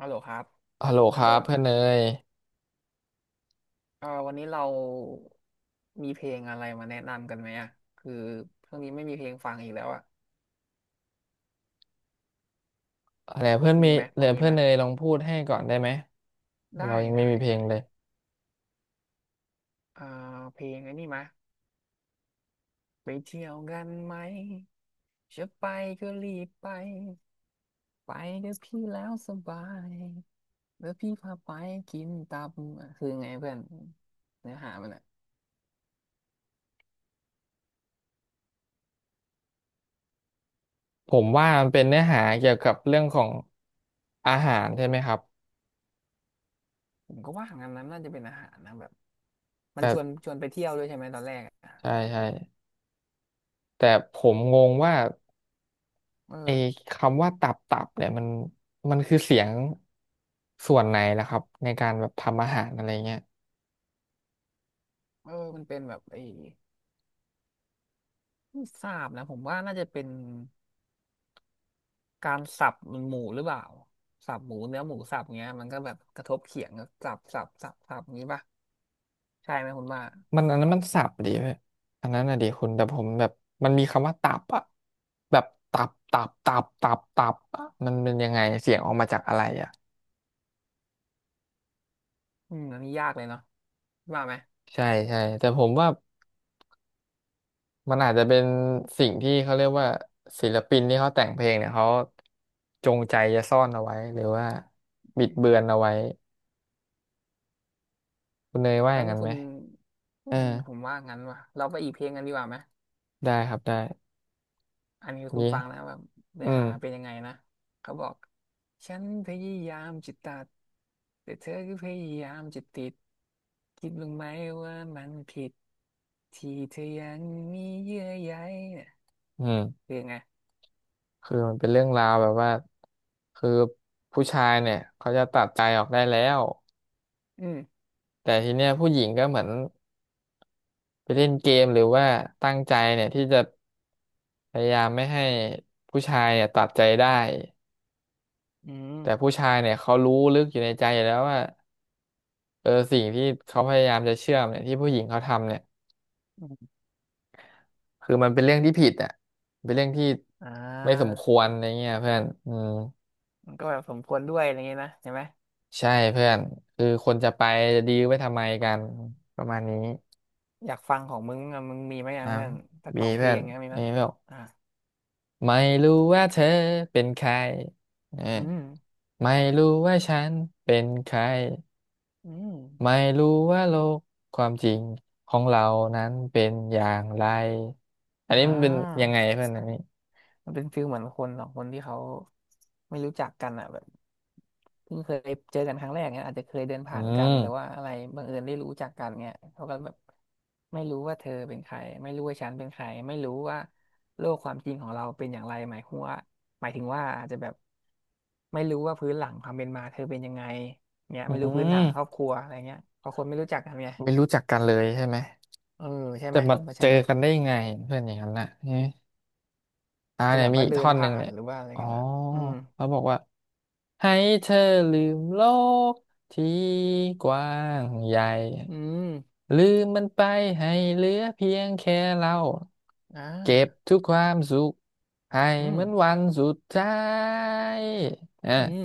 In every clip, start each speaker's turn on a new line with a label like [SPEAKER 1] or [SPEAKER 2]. [SPEAKER 1] ฮัลโหลครับ
[SPEAKER 2] ฮัลโหลค
[SPEAKER 1] เป็น
[SPEAKER 2] รับ
[SPEAKER 1] ต้น
[SPEAKER 2] เพื่อนเนย
[SPEAKER 1] วันนี้เรามีเพลงอะไรมาแนะนำกันไหมอ่ะคือช่วงนี้ไม่มีเพลงฟังอีกแล้วอ่ะ
[SPEAKER 2] อะไรเพื่อน
[SPEAKER 1] มี
[SPEAKER 2] มี
[SPEAKER 1] ไหม
[SPEAKER 2] เห
[SPEAKER 1] พ
[SPEAKER 2] ลื
[SPEAKER 1] อ
[SPEAKER 2] อ
[SPEAKER 1] มี
[SPEAKER 2] เพื่
[SPEAKER 1] ไห
[SPEAKER 2] อ
[SPEAKER 1] ม
[SPEAKER 2] นเนยลองพูดให้ก่อนได้ไหมเรา
[SPEAKER 1] ได้
[SPEAKER 2] ยังไม่
[SPEAKER 1] ได้
[SPEAKER 2] มีเพลง
[SPEAKER 1] ได้
[SPEAKER 2] เลย
[SPEAKER 1] เอ่เพลงไอ้นี่ไหมไปเที่ยวกันไหมจะไปก็รีบไปไปเดี๋ยวพี่แล้วสบายเดี๋ยวพี่พาไปกินตับอ่ะคือไงเพื่อนเนื้อหามันอ่ะ
[SPEAKER 2] ผมว่ามันเป็นเนื้อหาเกี่ยวกับเรื่องของอาหารใช่ไหมครับ
[SPEAKER 1] ผมก็ว่างั้นนั้นน่าจะเป็นอาหารนะแบบมัน
[SPEAKER 2] แต่
[SPEAKER 1] ชวนชวนไปเที่ยวด้วยใช่ไหมตอนแรกอ่ะ
[SPEAKER 2] ใช่ใช่แต่ผมงงว่า
[SPEAKER 1] เออ
[SPEAKER 2] ไอ้คำว่าตับตับเนี่ยมันมันคือเสียงส่วนไหนล่ะครับในการแบบทำอาหารอะไรเงี้ย
[SPEAKER 1] เออมันเป็นแบบไอ้ไม่ทราบนะผมว่าน่าจะเป็นการสับมันหมูหรือเปล่าสับหมูเนื้อหมูสับเงี้ยมันก็แบบกระทบเขียงก็สับสับสับสับอย่างงี้ป่ะใช่ไหมคุณว่า
[SPEAKER 2] มันอันนั้นมันสับดีเว้ยอันนั้นน่ะดีคุณแต่ผมแบบมันมีคำว่าตับอะแบบตับตับตับตับตับอะมันเป็นยังไงเสียงออกมาจากอะไรอะ
[SPEAKER 1] อืมอันนี้ยากเลยเนาะว่าไหม
[SPEAKER 2] ใช่ใช่แต่ผมว่ามันอาจจะเป็นสิ่งที่เขาเรียกว่าศิลปินที่เขาแต่งเพลงเนี่ยเขาจงใจจะซ่อนเอาไว้หรือว่าบิ
[SPEAKER 1] อื
[SPEAKER 2] ดเบื
[SPEAKER 1] ม
[SPEAKER 2] อนเอาไว้คุณเนยว่าอ
[SPEAKER 1] แล้ว
[SPEAKER 2] ย่าง
[SPEAKER 1] นี่
[SPEAKER 2] นั้น
[SPEAKER 1] คุ
[SPEAKER 2] ไหม
[SPEAKER 1] ณ
[SPEAKER 2] เออ
[SPEAKER 1] อืมผมว่างั้นว่ะเราไปอีกเพลงกันดีกว่าไหม
[SPEAKER 2] ได้ครับได้
[SPEAKER 1] อันนี้คุณ
[SPEAKER 2] นี่
[SPEAKER 1] ฟังนะแบบเนื้
[SPEAKER 2] อื
[SPEAKER 1] อ
[SPEAKER 2] ม
[SPEAKER 1] หาเป็นยังไงนะเขาบอกฉันพยายามจิตตัดแต่เธอก็พยายามจะติดคิดบ้างไหมว่ามันผิดที่เธอยังมีเยื่อใยเนี่ย
[SPEAKER 2] อืม
[SPEAKER 1] คือไง
[SPEAKER 2] คือมันเป็นเรื่องราวแบบว่าคือผู้ชายเนี่ยเขาจะตัดใจออกได้แล้ว
[SPEAKER 1] อืม
[SPEAKER 2] แต่ทีเนี้ยผู้หญิงก็เหมือนไปเล่นเกมหรือว่าตั้งใจเนี่ยที่จะพยายามไม่ให้ผู้ชายเนี่ยตัดใจได้
[SPEAKER 1] อืม
[SPEAKER 2] แต่ผู้ชายเนี่ยเขารู้ลึกอยู่ในใจอยู่แล้วว่าเออสิ่งที่เขาพยายามจะเชื่อมเนี่ยที่ผู้หญิงเขาทำเนี่ย
[SPEAKER 1] อืม
[SPEAKER 2] คือมันเป็นเรื่องที่ผิดอ่ะเป็นเรื่องที่
[SPEAKER 1] อ่
[SPEAKER 2] ไม่สม
[SPEAKER 1] า
[SPEAKER 2] ควรอะไรเงี้ยเพื่อนอืม
[SPEAKER 1] มันก็แบบสมควรด้วยอะไรเงี้ยนะใช่ไหม
[SPEAKER 2] ใช่เพื่อนคือคนจะไปจะดีลไว้ทำไมกันประมาณนี้
[SPEAKER 1] อยากฟังของมึงอะมึงมีไหมอะ
[SPEAKER 2] อ่า
[SPEAKER 1] เพื่อนสัก
[SPEAKER 2] มี
[SPEAKER 1] สองเพ
[SPEAKER 2] เพื่
[SPEAKER 1] ล
[SPEAKER 2] อ
[SPEAKER 1] ง
[SPEAKER 2] น
[SPEAKER 1] เงี้ยมีไหม
[SPEAKER 2] นี่
[SPEAKER 1] ย
[SPEAKER 2] แบอก
[SPEAKER 1] อ่า
[SPEAKER 2] ไม่รู้ว่าเธอเป็นใครเออ
[SPEAKER 1] อืม
[SPEAKER 2] ไม่รู้ว่าฉันเป็นใคร
[SPEAKER 1] อืม
[SPEAKER 2] ไม่รู้ว่าโลกความจริงของเรานั้นเป็นอย่างไรอัน
[SPEAKER 1] อ่
[SPEAKER 2] นี้มันเป็น
[SPEAKER 1] า
[SPEAKER 2] ยังไงเพื่อนอันนี้
[SPEAKER 1] มันเป็นฟิลเหมือนคนสองคนที่เขาไม่รู้จักกันอ่ะแบบเพิ่งเคยเจอกันครั้งแรกเนี้ยอาจจะเคยเดิน
[SPEAKER 2] อื
[SPEAKER 1] ผ่านกันหรือว่า
[SPEAKER 2] ม
[SPEAKER 1] อะไรบังเอิญได้รู้จักกันเนี้ยเขาก็แบบไม่รู้ว่าเธอเป็นใครไม่รู้ว่าฉันเป็นใครไม่รู้ว่าโลกความจริงของเราเป็นอย่างไรหมายหัวาหมายถึงว่าอาจจะแบบไม่รู้ว่าพื้นหลังความเป็นมาเธอเป็นยังไงเนี้ย
[SPEAKER 2] อื
[SPEAKER 1] ไม่รู้พื้นฐานครอบ
[SPEAKER 2] ม
[SPEAKER 1] ครัวอะไรเงี้ยเพราะคนไม่รู้จักกันไง
[SPEAKER 2] ไม่รู้จักกันเลยใช่ไหม
[SPEAKER 1] เออใช่
[SPEAKER 2] แต่
[SPEAKER 1] ไหม
[SPEAKER 2] มา
[SPEAKER 1] คุณว่า
[SPEAKER 2] เจ
[SPEAKER 1] ใช่
[SPEAKER 2] อ
[SPEAKER 1] ไหม
[SPEAKER 2] กันได้ยังไงเพื่อนอย่างนั้นน่ะ อ่า
[SPEAKER 1] อาจจะ
[SPEAKER 2] เนี่
[SPEAKER 1] แบ
[SPEAKER 2] ย
[SPEAKER 1] บ
[SPEAKER 2] มี
[SPEAKER 1] ว่า
[SPEAKER 2] อีก
[SPEAKER 1] เดิ
[SPEAKER 2] ท่
[SPEAKER 1] น
[SPEAKER 2] อนหนึ่
[SPEAKER 1] ผ่า
[SPEAKER 2] ง
[SPEAKER 1] น
[SPEAKER 2] เนี่ย
[SPEAKER 1] หรือว่าอะไร
[SPEAKER 2] อ๋อ
[SPEAKER 1] กันอ่ะอืม
[SPEAKER 2] เขาบอกว่าให้เธอลืมโลกที่กว้างใหญ่
[SPEAKER 1] อืม
[SPEAKER 2] ลืมมันไปให้เหลือเพียงแค่เรา
[SPEAKER 1] อ่า
[SPEAKER 2] เก็บทุกความสุขให้
[SPEAKER 1] อื
[SPEAKER 2] เห
[SPEAKER 1] ม
[SPEAKER 2] มือนวันสุดท้ายอ่ะ
[SPEAKER 1] อืม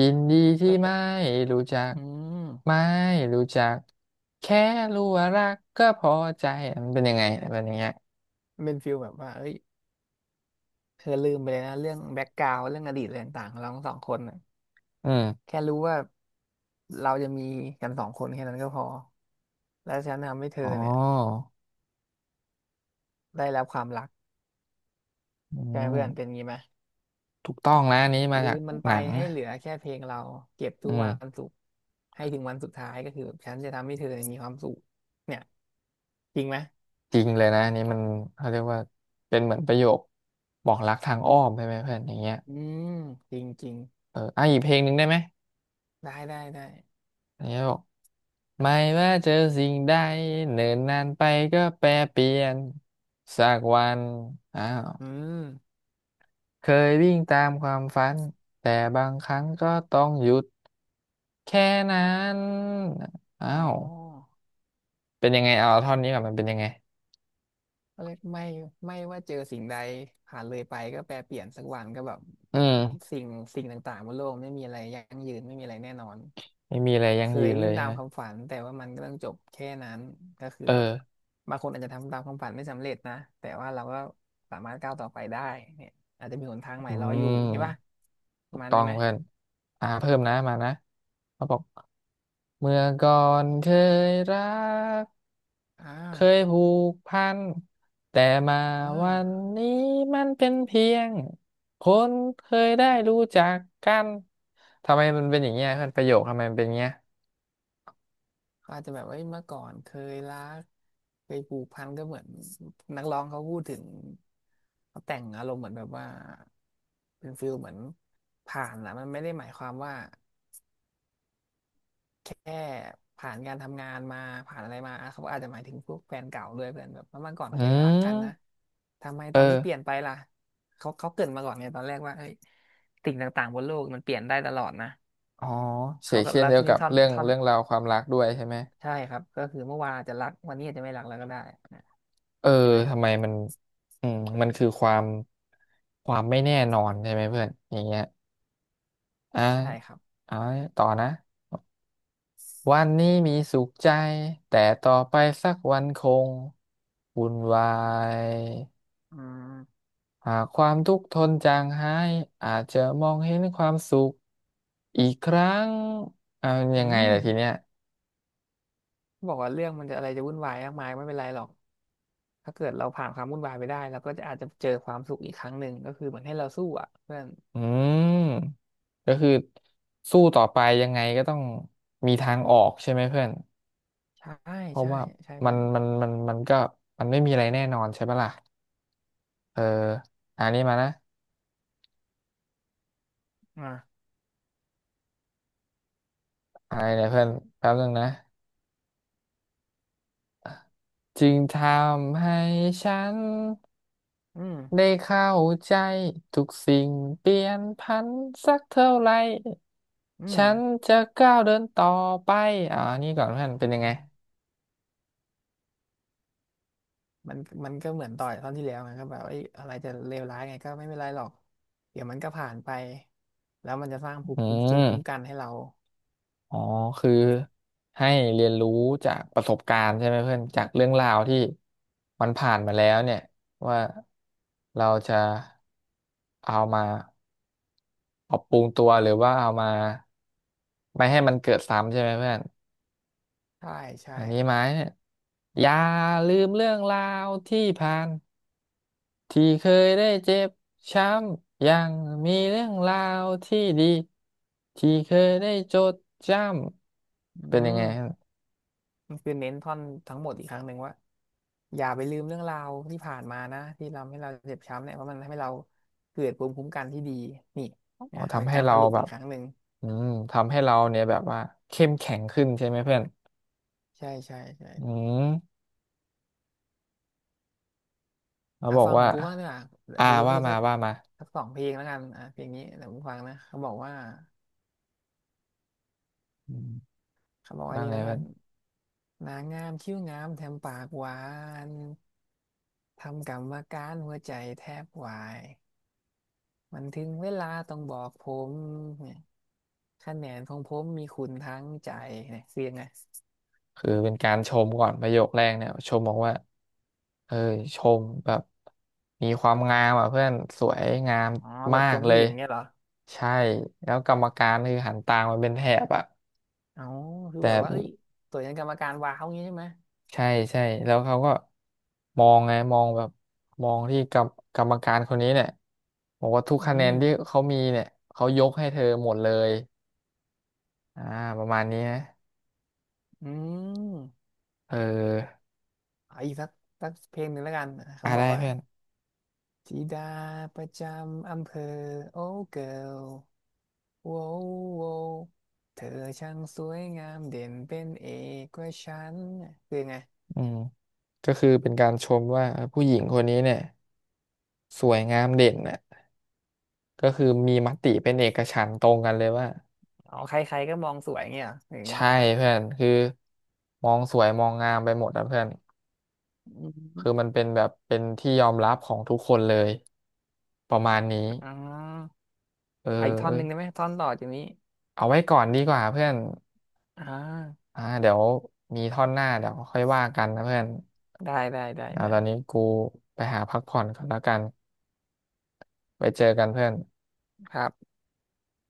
[SPEAKER 2] ยินดีที่ไม่
[SPEAKER 1] เออ
[SPEAKER 2] รู้จัก
[SPEAKER 1] อืม
[SPEAKER 2] ไม่รู้จักแค่รู้ว่ารักก็พอใจมันเป็นยังไงมันเป็นอย่างเงี้ย
[SPEAKER 1] มันเป็นฟิลแบบว่าเอ้ยเธอลืมไปเลยนะเรื่องแบ็กกราว n ์เรื่องอดีตอะไรต่างๆของเราทั้งสองคนน่ะ
[SPEAKER 2] อืม
[SPEAKER 1] แค่รู้ว่าเราจะมีกันสองคนแค่นั้นก็พอแล้วฉันทำให้เธ
[SPEAKER 2] อ๋
[SPEAKER 1] อเนี่ย
[SPEAKER 2] อ
[SPEAKER 1] ได้รับความรัก
[SPEAKER 2] อื
[SPEAKER 1] ใช่ไหม
[SPEAKER 2] ม
[SPEAKER 1] เพื่อนเป็นงี้ไหม
[SPEAKER 2] ถูกต้องนะอันนี้มา
[SPEAKER 1] ลื
[SPEAKER 2] จาก
[SPEAKER 1] มมันไป
[SPEAKER 2] หนัง
[SPEAKER 1] ให้
[SPEAKER 2] นะ
[SPEAKER 1] เหลือแค่เพลงเราเก็บ
[SPEAKER 2] อื
[SPEAKER 1] ทุกวั
[SPEAKER 2] ม
[SPEAKER 1] นสุขให้ถึงวันสุดท้ายก็คือแบบฉันจะทำให้เธอเนี่ยมีความสุขเนี่ยจริงไหม
[SPEAKER 2] จริงเลยนะอันนี้มันเขาเรียกว่าเป็นเหมือนประโยคบอกรักทางอ้อมใช่ไหมเพื่อนอย่างเงี้ย
[SPEAKER 1] อืมจริงจริง
[SPEAKER 2] เอออ่ะอีกเพลงหนึ่งได้ไหม
[SPEAKER 1] ได้ได้ได้
[SPEAKER 2] อย่ี้บอกไม่ว่าเจอสิ่งใดเนิ่นนานไปก็แปรเปลี่ยนสักวันอ้าว
[SPEAKER 1] อืม
[SPEAKER 2] เคยวิ่งตามความฝันแต่บางครั้งก็ต้องหยุดแค่นั้นอ้า
[SPEAKER 1] อ๋อ
[SPEAKER 2] วเป็นยังไงเอาท่อนนี้ก่อนมันเป็นยังไง
[SPEAKER 1] ก็เลยไม่ไม่ว่าเจอสิ่งใดผ่านเลยไปก็แปรเปลี่ยนสักวันก็แบบ
[SPEAKER 2] อืม
[SPEAKER 1] สิ่งสิ่งต่างๆบนโลกไม่มีอะไรยั่งยืนไม่มีอะไรแน่นอน
[SPEAKER 2] ไม่มีอะไรยั่
[SPEAKER 1] เค
[SPEAKER 2] งยื
[SPEAKER 1] ย
[SPEAKER 2] นเล
[SPEAKER 1] วิ่ง
[SPEAKER 2] ย
[SPEAKER 1] ตาม
[SPEAKER 2] ฮะ
[SPEAKER 1] ความฝันแต่ว่ามันก็ต้องจบแค่นั้นก็คือ
[SPEAKER 2] เออ
[SPEAKER 1] แบบบางคนอาจจะทำตามความฝันไม่สำเร็จนะแต่ว่าเราก็สามารถก้าวต่อไปได้เนี่ยอาจจะมีหนทางใหม่
[SPEAKER 2] อื
[SPEAKER 1] รออยู่เห็นปะ
[SPEAKER 2] ม
[SPEAKER 1] ป
[SPEAKER 2] ถู
[SPEAKER 1] ระ
[SPEAKER 2] ก
[SPEAKER 1] มาณ
[SPEAKER 2] ต้อ
[SPEAKER 1] นี้
[SPEAKER 2] ง
[SPEAKER 1] ไหม
[SPEAKER 2] เพื่อนอ่าเพิ่มนะมานะเขาบอกเมื่อก่อนเคยรัก
[SPEAKER 1] อ่า
[SPEAKER 2] เคยผูกพันแต่มา
[SPEAKER 1] อ่า
[SPEAKER 2] วันนี้มันเป็นเพียงคนเคยได้รู้จักกันทำไมมันเป็นอย่างเงี้ยเพื่อนประโยคทำไมมันเป็นอย่างเงี้ย
[SPEAKER 1] เขาอาจจะแบบว่าเมื่อก่อนเคยรักเคยผูกพันก็เหมือนนักร้องเขาพูดถึงเขาแต่งอารมณ์เหมือนแบบว่าเป็นฟิลเหมือนผ่านนะมันไม่ได้หมายความว่าแค่ผ่านการทำงานมาผ่านอะไรมาอ่ะเขาอาจจะหมายถึงพวกแฟนเก่าด้วยเพื่อนแบบว่าเมื่อก่อน
[SPEAKER 2] อื
[SPEAKER 1] เคยรักกันนะ
[SPEAKER 2] ม
[SPEAKER 1] ทำไม
[SPEAKER 2] เอ
[SPEAKER 1] ตอนนี้
[SPEAKER 2] อ
[SPEAKER 1] เปลี่ยนไปล่ะเขาเกรินมาก่อนไงตอนแรกว่าเฮ้ยสิ่งต่างๆบนโลกมันเปลี่ยนได้ตลอดนะ
[SPEAKER 2] อ๋อเฉ
[SPEAKER 1] เขา
[SPEAKER 2] ก
[SPEAKER 1] ก็
[SPEAKER 2] เช่น
[SPEAKER 1] แล้ว
[SPEAKER 2] เดียว
[SPEAKER 1] ที่
[SPEAKER 2] กั
[SPEAKER 1] นี่
[SPEAKER 2] บ
[SPEAKER 1] ท่อน
[SPEAKER 2] เรื่อง
[SPEAKER 1] ท่อน
[SPEAKER 2] เรื่องราวความรักด้วยใช่ไหม
[SPEAKER 1] ใช่ครับก็คือเมื่อวานอาจจะรักวันนี้อาจจะไม่รักแล้วก็ได้นะ
[SPEAKER 2] เออ
[SPEAKER 1] ใช่ไหม
[SPEAKER 2] ทำไมมันอืมมันคือความความไม่แน่นอนใช่ไหมเพื่อนอย่างเงี้ย อ่า
[SPEAKER 1] ใช่ครับ
[SPEAKER 2] เอาให้ต่อนะวันนี้มีสุขใจ แต่ต่อไปสักวันคงวุ่นวาย
[SPEAKER 1] อืม
[SPEAKER 2] หากความทุกข์ทนจางหาย อาจจะมองเห็นความสุขอีกครั้งเอายั
[SPEAKER 1] อื
[SPEAKER 2] งไง
[SPEAKER 1] ม
[SPEAKER 2] ล่ะทีเนี้ย
[SPEAKER 1] บอกว่าเรื่องมันจะอะไรจะวุ่นวายมากมายไม่เป็นไรหรอกถ้าเกิดเราผ่านความวุ่นวายไปได้เราก็จะอาจจะเจอความสุขอีกครั้งหนึ่งก็คือเหมือนให้เราสู้อ่ะเพื่อน
[SPEAKER 2] อืมก็คือสู้ต่อไปยังไงก็ต้องมีทางออกใช่ไหมเพื่อน
[SPEAKER 1] ใช่
[SPEAKER 2] เพราะ
[SPEAKER 1] ใช่
[SPEAKER 2] ว่า
[SPEAKER 1] ใช่
[SPEAKER 2] มั
[SPEAKER 1] เพื่
[SPEAKER 2] น
[SPEAKER 1] อน
[SPEAKER 2] มันมันมันก็มันไม่มีอะไรแน่นอนใช่ปะล่ะเอออันนี้มานะ
[SPEAKER 1] อ่า
[SPEAKER 2] อะไรเนี่ยเพื่อนแป๊บนึงนะ จึงทำให้ฉัน
[SPEAKER 1] อืม
[SPEAKER 2] ได้เข้าใจทุกสิ่งเปลี่ยนผันสักเท่าไหร่
[SPEAKER 1] อืม
[SPEAKER 2] ฉันจะก้าวเดินต่อไปอ่านี่ก่อนเพื่อนเป็นยังไง
[SPEAKER 1] มันมันก็เหมือนต่อยตอนที่แล้วไงก็แบบไอ้ยอะไรจะเลวร้ายไงก็ไม่เป็นไรหรอกเดี๋ยวมันก็ผ่านไปแล้วมันจะสร้างภู
[SPEAKER 2] อื
[SPEAKER 1] มิภูมิ
[SPEAKER 2] ม
[SPEAKER 1] คุ้มกันให้เรา
[SPEAKER 2] อ๋อคือให้เรียนรู้จากประสบการณ์ใช่ไหมเพื่อนจากเรื่องราวที่มันผ่านมาแล้วเนี่ยว่าเราจะเอามาปรับปรุงตัวหรือว่าเอามาไม่ให้มันเกิดซ้ำใช่ไหมเพื่อน
[SPEAKER 1] ใช่ใช่
[SPEAKER 2] อันนี้ไหมเนี่ยอย่าลืมเรื่องราวที่ผ่านที่เคยได้เจ็บช้ำยังมีเรื่องราวที่ดีที่เคยได้จดจ
[SPEAKER 1] อื
[SPEAKER 2] ำเป็นยังไง
[SPEAKER 1] ม
[SPEAKER 2] ฮะ
[SPEAKER 1] มันคือเน้นท่อนทั้งหมดอีกครั้งหนึ่งว่าอย่าไปลืมเรื่องราวที่ผ่านมานะที่ทำให้เราเจ็บช้ำเนี่ยเพราะมันทำให้เราเกิดภูมิคุ้มกันที่ดีนี่
[SPEAKER 2] อ๋อ
[SPEAKER 1] นะเป็
[SPEAKER 2] ทำ
[SPEAKER 1] น
[SPEAKER 2] ให้
[SPEAKER 1] การ
[SPEAKER 2] เรา
[SPEAKER 1] สรุป
[SPEAKER 2] แบ
[SPEAKER 1] อีก
[SPEAKER 2] บ
[SPEAKER 1] ครั้งหนึ่ง
[SPEAKER 2] อืมทำให้เราเนี่ยแบบว่าเข้มแข็งขึ้นใช่ไหมเพื่อน
[SPEAKER 1] ใช่ใช่ใช่
[SPEAKER 2] อืมเขา
[SPEAKER 1] อ่ะ
[SPEAKER 2] บอก
[SPEAKER 1] ฟังขอ
[SPEAKER 2] ว่า
[SPEAKER 1] งกูบ้างดีกว่าเดี๋ยว
[SPEAKER 2] อ่า
[SPEAKER 1] กูจะ
[SPEAKER 2] ว่า
[SPEAKER 1] พูด
[SPEAKER 2] มา
[SPEAKER 1] สัก
[SPEAKER 2] ว่ามา
[SPEAKER 1] สักสองเพลงแล้วกันอ่ะเพลงนี้เดี๋ยวกูฟังนะเขาบอกว่า
[SPEAKER 2] อืม
[SPEAKER 1] เขาบอกว่า
[SPEAKER 2] ว่า
[SPEAKER 1] นี่
[SPEAKER 2] ไง
[SPEAKER 1] แล้วกั
[SPEAKER 2] เพื่อ
[SPEAKER 1] น
[SPEAKER 2] น
[SPEAKER 1] นางงามคิ้วงามแถมปากหวานทำกรรมการหัวใจแทบวายมันถึงเวลาต้องบอกผม คะแนนของผมมีคุณทั้งใจเนี่ยคือยังไง
[SPEAKER 2] คือเป็นการชมก่อนประโยคแรกเนี่ยชมบอกว่าเออชมแบบมีความงามอ่ะเพื่อนสวยงาม
[SPEAKER 1] อ๋อแบ
[SPEAKER 2] มา
[SPEAKER 1] บช
[SPEAKER 2] ก
[SPEAKER 1] ม
[SPEAKER 2] เล
[SPEAKER 1] ผู้ห
[SPEAKER 2] ย
[SPEAKER 1] ญิงเนี่ยเหรอ
[SPEAKER 2] ใช่แล้วกรรมการคือหันตามมาเป็นแถบอ่ะ
[SPEAKER 1] อ๋อคือ
[SPEAKER 2] แต่
[SPEAKER 1] แบบว่าเอ้ยตัวยันกรรมการว้าวอย่างงี้ใช่ไหม
[SPEAKER 2] ใช่ใช่แล้วเขาก็มองไงมองแบบมองที่กรรมการคนนี้เนี่ยบอกว่าทุก
[SPEAKER 1] อื
[SPEAKER 2] คะแนน
[SPEAKER 1] ม
[SPEAKER 2] ที่เขามีเนี่ยเขายกให้เธอหมดเลยอ่าประมาณนี้นะ
[SPEAKER 1] อืม
[SPEAKER 2] เออ
[SPEAKER 1] เอาอีกสักสักเพลงหนึ่งแล้วกันเขา
[SPEAKER 2] อ่า
[SPEAKER 1] บอ
[SPEAKER 2] ได้
[SPEAKER 1] กว่า
[SPEAKER 2] เพื่อน
[SPEAKER 1] ธิดาประจำอำเภอโอ้เกิร์ลโว้วโววเธอช่างสวยงามเด่นเป็นเอกกว่าฉันคือยงไง
[SPEAKER 2] อืมก็คือเป็นการชมว่าเออผู้หญิงคนนี้เนี่ยสวยงามเด่นน่ะก็คือมีมติเป็นเอกฉันท์ตรงกันเลยว่า
[SPEAKER 1] อ๋อใครๆก็มองสวยงเงี้ยเหรอหรือไง
[SPEAKER 2] ใช่เพื่อนคือมองสวยมองงามไปหมดอะเพื่อน
[SPEAKER 1] อม
[SPEAKER 2] คือมันเป็นแบบเป็นที่ยอมรับของทุกคนเลยประมาณนี้
[SPEAKER 1] อ๋อ
[SPEAKER 2] เออ
[SPEAKER 1] อะอีกท่อน
[SPEAKER 2] เอ้
[SPEAKER 1] ห
[SPEAKER 2] ย
[SPEAKER 1] นึ่งได้ไหมท่อนต่อจากนี้
[SPEAKER 2] เอาไว้ก่อนดีกว่าเพื่อน
[SPEAKER 1] อ่า
[SPEAKER 2] อ่าเดี๋ยวมีท่อนหน้าเดี๋ยวค่อยว่ากันนะเพื่อน
[SPEAKER 1] ได้ได้ได้
[SPEAKER 2] เดี๋ยวตอนนี้
[SPEAKER 1] ได้
[SPEAKER 2] กูไปหาพักผ่อนก่อนแล้วกันไปเจอกันเพื่อน
[SPEAKER 1] ครับ